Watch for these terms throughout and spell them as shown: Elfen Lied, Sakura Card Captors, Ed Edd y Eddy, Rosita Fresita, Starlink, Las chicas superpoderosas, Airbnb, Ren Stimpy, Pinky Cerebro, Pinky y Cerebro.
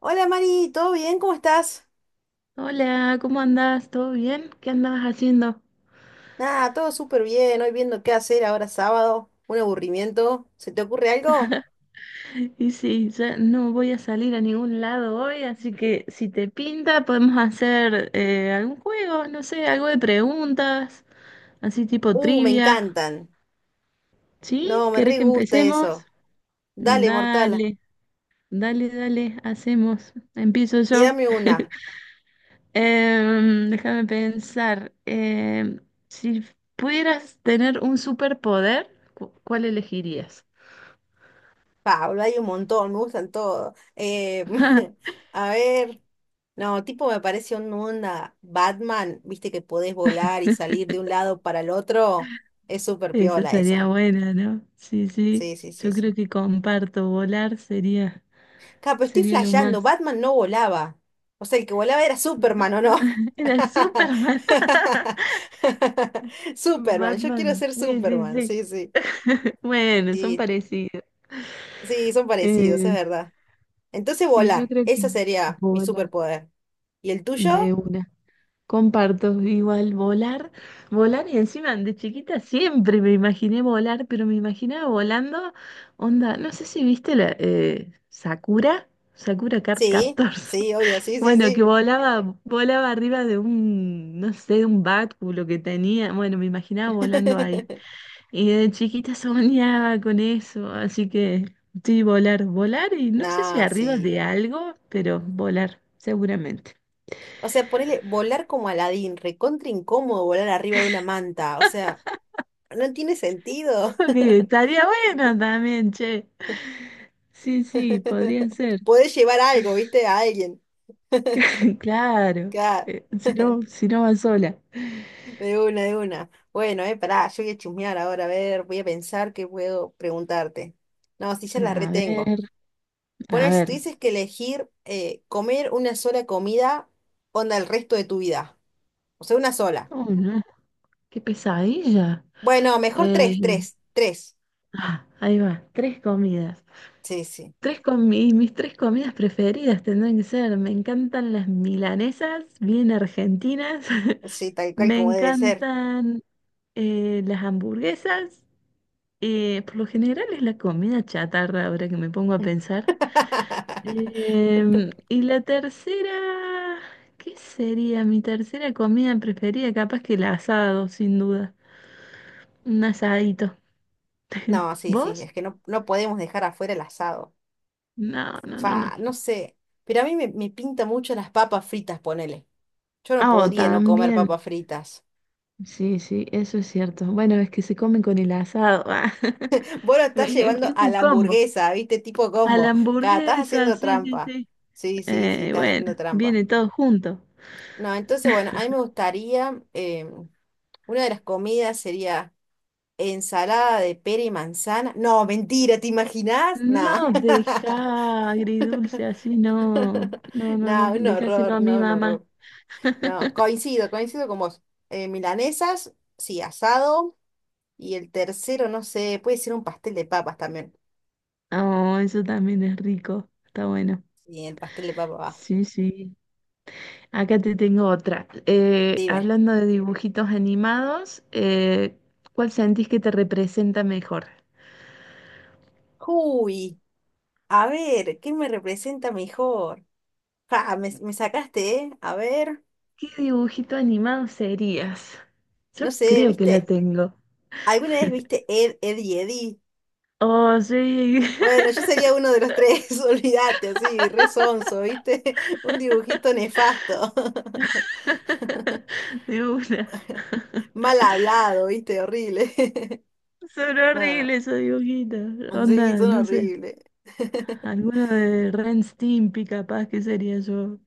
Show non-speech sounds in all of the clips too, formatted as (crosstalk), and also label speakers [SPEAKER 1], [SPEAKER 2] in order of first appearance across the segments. [SPEAKER 1] Hola Mari, ¿todo bien? ¿Cómo estás?
[SPEAKER 2] Hola, ¿cómo andás? ¿Todo bien? ¿Qué andabas haciendo?
[SPEAKER 1] Nada, todo súper bien. Hoy viendo qué hacer ahora sábado. Un aburrimiento. ¿Se te ocurre algo?
[SPEAKER 2] Y sí, ya no voy a salir a ningún lado hoy, así que si te pinta podemos hacer algún juego, no sé, algo de preguntas, así tipo
[SPEAKER 1] Me
[SPEAKER 2] trivia.
[SPEAKER 1] encantan.
[SPEAKER 2] ¿Sí?
[SPEAKER 1] No, me
[SPEAKER 2] ¿Querés
[SPEAKER 1] re
[SPEAKER 2] que
[SPEAKER 1] gusta
[SPEAKER 2] empecemos?
[SPEAKER 1] eso. Dale, mortal,
[SPEAKER 2] Dale, dale, dale, hacemos. Empiezo yo.
[SPEAKER 1] tírame una.
[SPEAKER 2] Déjame pensar. Si pudieras tener un superpoder, ¿cuál elegirías?
[SPEAKER 1] Pablo, hay un montón, me gustan todos.
[SPEAKER 2] (laughs)
[SPEAKER 1] (laughs) A ver. No, tipo me parece una onda Batman, viste que podés volar y salir de un lado para el otro. Es súper
[SPEAKER 2] Esa
[SPEAKER 1] piola
[SPEAKER 2] sería
[SPEAKER 1] esa.
[SPEAKER 2] buena, ¿no? Sí, sí.
[SPEAKER 1] Sí, sí, sí,
[SPEAKER 2] Yo
[SPEAKER 1] sí.
[SPEAKER 2] creo que comparto, volar sería,
[SPEAKER 1] Ja, pero estoy
[SPEAKER 2] sería lo
[SPEAKER 1] flasheando,
[SPEAKER 2] más.
[SPEAKER 1] Batman no volaba. O sea, el que volaba era Superman, ¿o no?
[SPEAKER 2] Batman, (laughs) era Superman. (laughs)
[SPEAKER 1] (laughs) Superman, yo quiero
[SPEAKER 2] Batman,
[SPEAKER 1] ser
[SPEAKER 2] sí, sí,
[SPEAKER 1] Superman,
[SPEAKER 2] sí.
[SPEAKER 1] sí, sí.
[SPEAKER 2] Bueno, son
[SPEAKER 1] Sí,
[SPEAKER 2] parecidos.
[SPEAKER 1] sí, son parecidos, es
[SPEAKER 2] Eh,
[SPEAKER 1] verdad. Entonces
[SPEAKER 2] sí, yo
[SPEAKER 1] volar,
[SPEAKER 2] creo
[SPEAKER 1] ese
[SPEAKER 2] que
[SPEAKER 1] sería mi
[SPEAKER 2] volar
[SPEAKER 1] superpoder. ¿Y el
[SPEAKER 2] de
[SPEAKER 1] tuyo?
[SPEAKER 2] una. Comparto igual volar, volar y encima de chiquita siempre me imaginé volar, pero me imaginaba volando, onda, no sé si viste la Sakura, Sakura Card
[SPEAKER 1] Sí,
[SPEAKER 2] Captors. (laughs)
[SPEAKER 1] sí, obvio, sí, sí,
[SPEAKER 2] Bueno, que
[SPEAKER 1] sí.
[SPEAKER 2] volaba, volaba arriba de un, no sé, de un báculo que tenía. Bueno, me imaginaba volando ahí.
[SPEAKER 1] (laughs)
[SPEAKER 2] Y de chiquita soñaba con eso, así que sí, volar, volar y no sé si
[SPEAKER 1] Nah,
[SPEAKER 2] arriba
[SPEAKER 1] sí.
[SPEAKER 2] de algo, pero volar, seguramente.
[SPEAKER 1] O sea, ponele volar como Aladín, recontra incómodo volar arriba de una manta. O sea, no tiene sentido.
[SPEAKER 2] (laughs) Porque estaría bueno también, che. Sí, sí, podría
[SPEAKER 1] (laughs)
[SPEAKER 2] ser.
[SPEAKER 1] Podés llevar algo, ¿viste? A alguien.
[SPEAKER 2] (laughs) Claro,
[SPEAKER 1] Claro,
[SPEAKER 2] si no, si no va sola.
[SPEAKER 1] de una, de una. Bueno, pará, yo voy a chusmear ahora, a ver, voy a pensar qué puedo preguntarte. No, si ya la
[SPEAKER 2] A
[SPEAKER 1] retengo.
[SPEAKER 2] ver, a
[SPEAKER 1] Poner, si
[SPEAKER 2] ver.
[SPEAKER 1] tuvieses que elegir comer una sola comida, onda el resto de tu vida. O sea, una sola.
[SPEAKER 2] Oh, no, qué pesadilla.
[SPEAKER 1] Bueno, mejor
[SPEAKER 2] Eh,
[SPEAKER 1] tres, tres, tres.
[SPEAKER 2] Ah, ahí va, tres comidas.
[SPEAKER 1] Sí, sí,
[SPEAKER 2] Mis tres comidas preferidas tendrán que ser, me encantan las milanesas, bien argentinas, (laughs)
[SPEAKER 1] sí, tal cual
[SPEAKER 2] me
[SPEAKER 1] como debe ser.
[SPEAKER 2] encantan las hamburguesas, por lo general es la comida chatarra ahora que me pongo a pensar.
[SPEAKER 1] (laughs)
[SPEAKER 2] Y la tercera, ¿qué sería mi tercera comida preferida? Capaz que el asado, sin duda, un asadito. (laughs)
[SPEAKER 1] No, sí, sí,
[SPEAKER 2] ¿Vos?
[SPEAKER 1] es que no podemos dejar afuera el asado.
[SPEAKER 2] No, no, no, no.
[SPEAKER 1] Fa, no sé, pero a mí me pinta mucho las papas fritas, ponele. Yo no
[SPEAKER 2] Ah, oh,
[SPEAKER 1] podría no comer
[SPEAKER 2] también.
[SPEAKER 1] papas fritas.
[SPEAKER 2] Sí, sí, eso es cierto. Bueno, es que se comen con el asado. Ah.
[SPEAKER 1] Vos
[SPEAKER 2] (laughs)
[SPEAKER 1] lo estás
[SPEAKER 2] Es,
[SPEAKER 1] llevando
[SPEAKER 2] es
[SPEAKER 1] a
[SPEAKER 2] un
[SPEAKER 1] la
[SPEAKER 2] combo.
[SPEAKER 1] hamburguesa, ¿viste? Tipo
[SPEAKER 2] A
[SPEAKER 1] combo.
[SPEAKER 2] la
[SPEAKER 1] Acá estás
[SPEAKER 2] hamburguesa,
[SPEAKER 1] haciendo
[SPEAKER 2] sí, sí,
[SPEAKER 1] trampa.
[SPEAKER 2] sí.
[SPEAKER 1] Sí, sí, sí, estás
[SPEAKER 2] Bueno,
[SPEAKER 1] haciendo trampa.
[SPEAKER 2] viene todo junto.
[SPEAKER 1] No, entonces, bueno, a mí me gustaría, una de las comidas sería ensalada de pera y manzana. No, mentira, ¿te imaginás? No,
[SPEAKER 2] No deja agridulce así, no. No,
[SPEAKER 1] (laughs)
[SPEAKER 2] no, no.
[SPEAKER 1] no, un
[SPEAKER 2] Dejáselo
[SPEAKER 1] horror,
[SPEAKER 2] a mi
[SPEAKER 1] no, un
[SPEAKER 2] mamá.
[SPEAKER 1] horror. No, coincido, coincido con vos. Milanesas, sí, asado. Y el tercero, no sé, puede ser un pastel de papas también.
[SPEAKER 2] Oh, eso también es rico. Está bueno.
[SPEAKER 1] Sí, el pastel de papas va.
[SPEAKER 2] Sí, sí. Acá te tengo otra.
[SPEAKER 1] Dime.
[SPEAKER 2] Hablando de dibujitos animados, ¿cuál sentís que te representa mejor?
[SPEAKER 1] Uy. A ver, ¿qué me representa mejor? Ja, me sacaste, ¿eh? A ver,
[SPEAKER 2] ¿Qué dibujito animado serías?
[SPEAKER 1] no
[SPEAKER 2] Yo
[SPEAKER 1] sé,
[SPEAKER 2] creo que la
[SPEAKER 1] ¿viste?
[SPEAKER 2] tengo.
[SPEAKER 1] ¿Alguna vez viste Ed, Ed y Eddie?
[SPEAKER 2] Oh, sí.
[SPEAKER 1] Bueno, yo sería uno de los tres, (laughs) olvídate, así, re sonso, ¿viste? (laughs) Un dibujito nefasto.
[SPEAKER 2] (laughs)
[SPEAKER 1] (laughs)
[SPEAKER 2] De una.
[SPEAKER 1] Mal hablado, ¿viste? Horrible. (laughs)
[SPEAKER 2] Son
[SPEAKER 1] No,
[SPEAKER 2] horribles esos dibujitos.
[SPEAKER 1] sí,
[SPEAKER 2] Onda,
[SPEAKER 1] son
[SPEAKER 2] no sé.
[SPEAKER 1] horribles. (laughs)
[SPEAKER 2] Alguno de Ren Stimpy capaz que sería yo.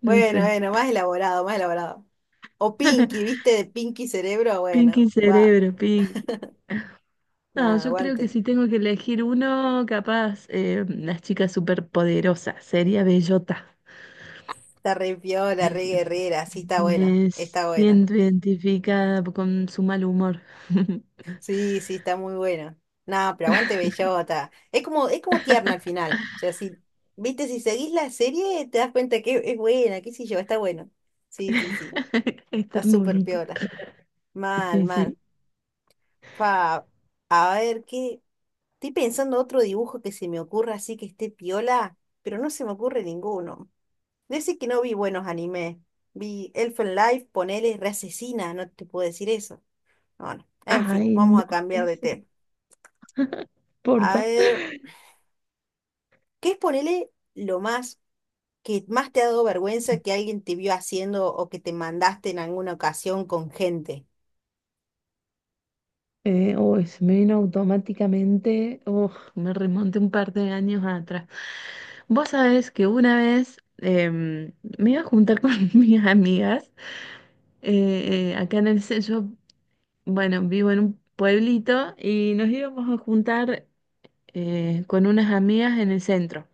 [SPEAKER 2] No
[SPEAKER 1] Bueno,
[SPEAKER 2] sé.
[SPEAKER 1] bueno, más elaborado, más elaborado. O Pinky,
[SPEAKER 2] (laughs)
[SPEAKER 1] ¿viste? De Pinky Cerebro,
[SPEAKER 2] Pinky
[SPEAKER 1] bueno, va,
[SPEAKER 2] Cerebro, Pinky. No,
[SPEAKER 1] nada,
[SPEAKER 2] yo creo que
[SPEAKER 1] aguante.
[SPEAKER 2] si tengo que elegir uno, capaz, las chicas superpoderosas, sería Bellota.
[SPEAKER 1] Está re piola,
[SPEAKER 2] Me,
[SPEAKER 1] re guerrera, sí está buena,
[SPEAKER 2] me
[SPEAKER 1] está buena.
[SPEAKER 2] siento identificada con su mal humor. (laughs)
[SPEAKER 1] Sí, sí, está muy buena. No, pero aguante Bellota. Es como tierna al final. O sea, si, viste, si seguís la serie, te das cuenta que es buena, qué sé yo, está bueno. Sí, sí, sí.
[SPEAKER 2] (laughs) Es
[SPEAKER 1] Está súper
[SPEAKER 2] ternurita.
[SPEAKER 1] piola. Mal,
[SPEAKER 2] Sí, sí.
[SPEAKER 1] mal. Fa, a ver qué. Estoy pensando otro dibujo que se me ocurra así que esté piola, pero no se me ocurre ninguno. Decir que no vi buenos animes. Vi Elfen Life, ponele, re asesina, no te puedo decir eso. Bueno, en fin,
[SPEAKER 2] Ay,
[SPEAKER 1] vamos
[SPEAKER 2] no,
[SPEAKER 1] a cambiar de
[SPEAKER 2] es
[SPEAKER 1] tema.
[SPEAKER 2] porfa.
[SPEAKER 1] A ver, ¿qué es ponele lo más que más te ha dado vergüenza que alguien te vio haciendo o que te mandaste en alguna ocasión con gente?
[SPEAKER 2] Uy, se me vino automáticamente. Uf, me remonté un par de años atrás. Vos sabés que una vez me iba a juntar con (laughs) mis amigas acá en el centro. Bueno, vivo en un pueblito y nos íbamos a juntar con unas amigas en el centro.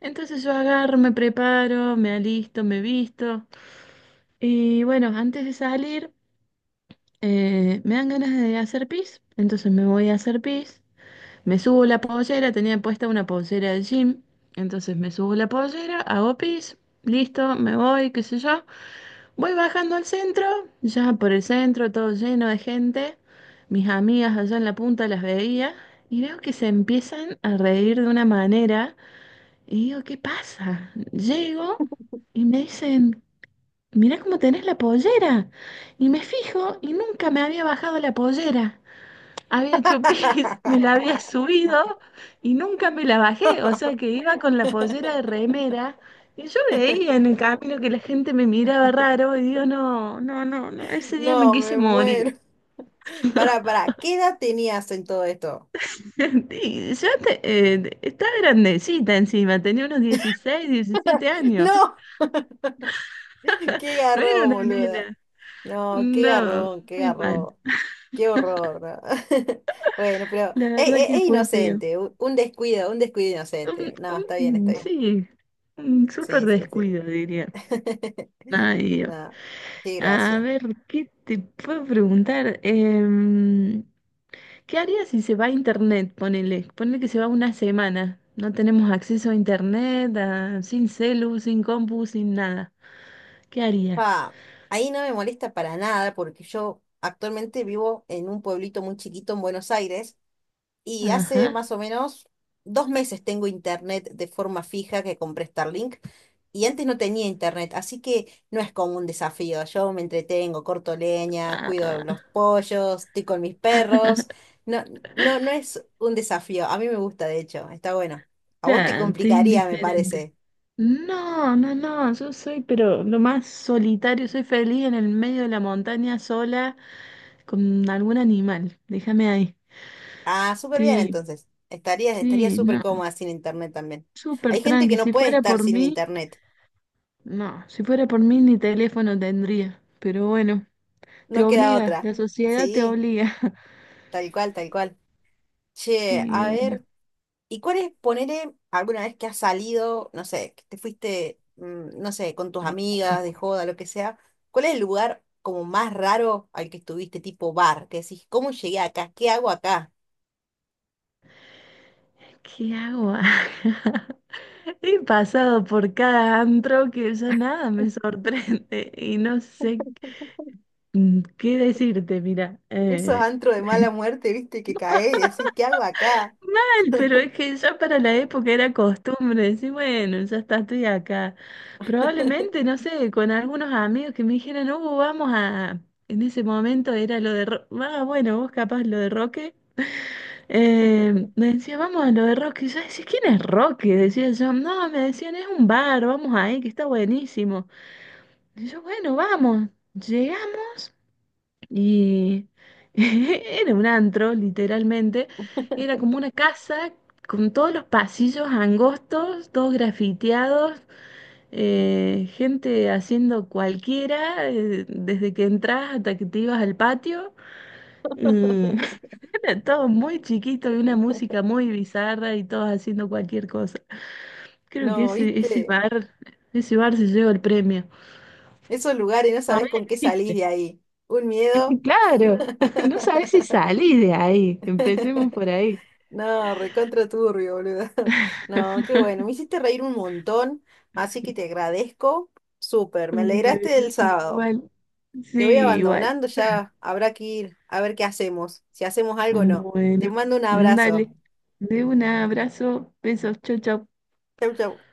[SPEAKER 2] Entonces yo agarro, me preparo, me alisto, me visto. Y bueno, antes de salir, me dan ganas de hacer pis, entonces me voy a hacer pis. Me subo la pollera, tenía puesta una pollera de gym, entonces me subo la pollera, hago pis, listo, me voy, qué sé yo. Voy bajando al centro, ya por el centro, todo lleno de gente. Mis amigas allá en la punta las veía y veo que se empiezan a reír de una manera y digo, ¿qué pasa? Llego. Y me dicen, mira cómo tenés la pollera. Y me fijo y nunca me había bajado la pollera. Había hecho pis, (laughs) me la había
[SPEAKER 1] (laughs)
[SPEAKER 2] subido y nunca me la bajé. O sea que iba con la pollera de remera y yo veía en el camino que la gente me miraba raro y digo, no, no, no, no, ese día me
[SPEAKER 1] No,
[SPEAKER 2] quise
[SPEAKER 1] me
[SPEAKER 2] morir.
[SPEAKER 1] muero. Pará, pará, ¿qué edad tenías en todo esto?
[SPEAKER 2] (laughs) Estaba grandecita encima, tenía unos 16, 17 años.
[SPEAKER 1] No.
[SPEAKER 2] (laughs)
[SPEAKER 1] (laughs) Qué
[SPEAKER 2] No era
[SPEAKER 1] garrón,
[SPEAKER 2] una
[SPEAKER 1] boluda.
[SPEAKER 2] nena.
[SPEAKER 1] No, qué
[SPEAKER 2] No,
[SPEAKER 1] garrón, qué
[SPEAKER 2] muy mal.
[SPEAKER 1] garrón. Qué horror, ¿no? (laughs) Bueno, pero
[SPEAKER 2] La
[SPEAKER 1] es,
[SPEAKER 2] verdad
[SPEAKER 1] es- es
[SPEAKER 2] que fue feo.
[SPEAKER 1] inocente, u- un descuido
[SPEAKER 2] Un-
[SPEAKER 1] inocente. No, está bien, está
[SPEAKER 2] un-
[SPEAKER 1] bien.
[SPEAKER 2] sí, un súper
[SPEAKER 1] Sí, sí, sí.
[SPEAKER 2] descuido, diría.
[SPEAKER 1] (laughs)
[SPEAKER 2] Ay, Dios.
[SPEAKER 1] No, qué
[SPEAKER 2] A
[SPEAKER 1] gracia.
[SPEAKER 2] ver, ¿qué te puedo preguntar? ¿Qué harías si se va a internet? Ponele que se va una semana. No tenemos acceso a internet, sin celu, sin compu, sin nada. ¿Qué harías?
[SPEAKER 1] Pa, ahí no me molesta para nada porque yo actualmente vivo en un pueblito muy chiquito en Buenos Aires. Y hace
[SPEAKER 2] Ajá.
[SPEAKER 1] más o menos 2 meses tengo internet de forma fija que compré Starlink y antes no tenía internet, así que no es como un desafío. Yo me entretengo, corto leña, cuido
[SPEAKER 2] Ah,
[SPEAKER 1] los pollos, estoy con mis perros. No, no es un desafío. A mí me gusta, de hecho, está bueno. A vos te
[SPEAKER 2] claro, te
[SPEAKER 1] complicaría, me
[SPEAKER 2] indiferente.
[SPEAKER 1] parece.
[SPEAKER 2] No, no, no, yo soy, pero lo más solitario, soy feliz en el medio de la montaña sola. Con algún animal. Déjame ahí.
[SPEAKER 1] Ah, súper bien
[SPEAKER 2] Sí,
[SPEAKER 1] entonces. Estarías, estaría
[SPEAKER 2] sí,
[SPEAKER 1] súper
[SPEAKER 2] no.
[SPEAKER 1] cómoda sin internet también.
[SPEAKER 2] Súper
[SPEAKER 1] Hay gente que
[SPEAKER 2] tranqui.
[SPEAKER 1] no
[SPEAKER 2] Si
[SPEAKER 1] puede
[SPEAKER 2] fuera
[SPEAKER 1] estar
[SPEAKER 2] por
[SPEAKER 1] sin
[SPEAKER 2] mí,
[SPEAKER 1] internet.
[SPEAKER 2] no. Si fuera por mí, ni teléfono tendría. Pero bueno, te
[SPEAKER 1] No queda
[SPEAKER 2] obliga.
[SPEAKER 1] otra.
[SPEAKER 2] La sociedad te
[SPEAKER 1] Sí,
[SPEAKER 2] obliga. (laughs)
[SPEAKER 1] tal cual, tal cual. Che,
[SPEAKER 2] Sí,
[SPEAKER 1] a
[SPEAKER 2] de una.
[SPEAKER 1] ver, ¿y cuál es, ponele, alguna vez que has salido, no sé, que te fuiste, no sé, con tus amigas, de joda, lo que sea, ¿cuál es el lugar como más raro al que estuviste, tipo bar? Que decís, ¿cómo llegué acá? ¿Qué hago acá?
[SPEAKER 2] ¿Qué hago acá? (laughs) He pasado por cada antro que ya nada me sorprende y no sé qué decirte, mira.
[SPEAKER 1] Esos antros de mala muerte, viste, que cae y decís, ¿qué hago acá?
[SPEAKER 2] Mal, pero es que ya para la época era costumbre decir, bueno, ya está, estoy acá. Probablemente, no sé, con algunos amigos que me dijeron, vamos a. En ese momento era lo de. Ah, bueno, vos capaz lo de Roque. Me decía, vamos a lo de Roque. Y yo decía, ¿quién es Roque? Decía yo, no, me decían, es un bar, vamos ahí, que está buenísimo. Y yo, bueno, vamos. Llegamos. Y (laughs) era un antro, literalmente. Era como una casa con todos los pasillos angostos, todos grafiteados, gente haciendo cualquiera, desde que entras hasta que te ibas al patio. Y (laughs) era todo muy chiquito y una música muy bizarra y todos haciendo cualquier cosa. Creo que
[SPEAKER 1] No,
[SPEAKER 2] ese, ese
[SPEAKER 1] viste,
[SPEAKER 2] bar, ese bar se lleva el premio.
[SPEAKER 1] esos lugares no sabés
[SPEAKER 2] Todavía
[SPEAKER 1] con qué salís
[SPEAKER 2] existe.
[SPEAKER 1] de ahí. Un miedo.
[SPEAKER 2] (laughs) Claro, (laughs) no sabes si salís de ahí. Empecemos por ahí.
[SPEAKER 1] No, recontra turbio, boludo. (laughs) No, qué bueno. Me hiciste reír un montón, así que te agradezco. Súper, me
[SPEAKER 2] Bueno,
[SPEAKER 1] alegraste del sábado.
[SPEAKER 2] igual, sí,
[SPEAKER 1] Te voy
[SPEAKER 2] igual.
[SPEAKER 1] abandonando, ya habrá que ir a ver qué hacemos, si hacemos algo o no.
[SPEAKER 2] Bueno,
[SPEAKER 1] Te mando un abrazo.
[SPEAKER 2] dale. De un abrazo, besos, chau, chau.
[SPEAKER 1] Chau, chau.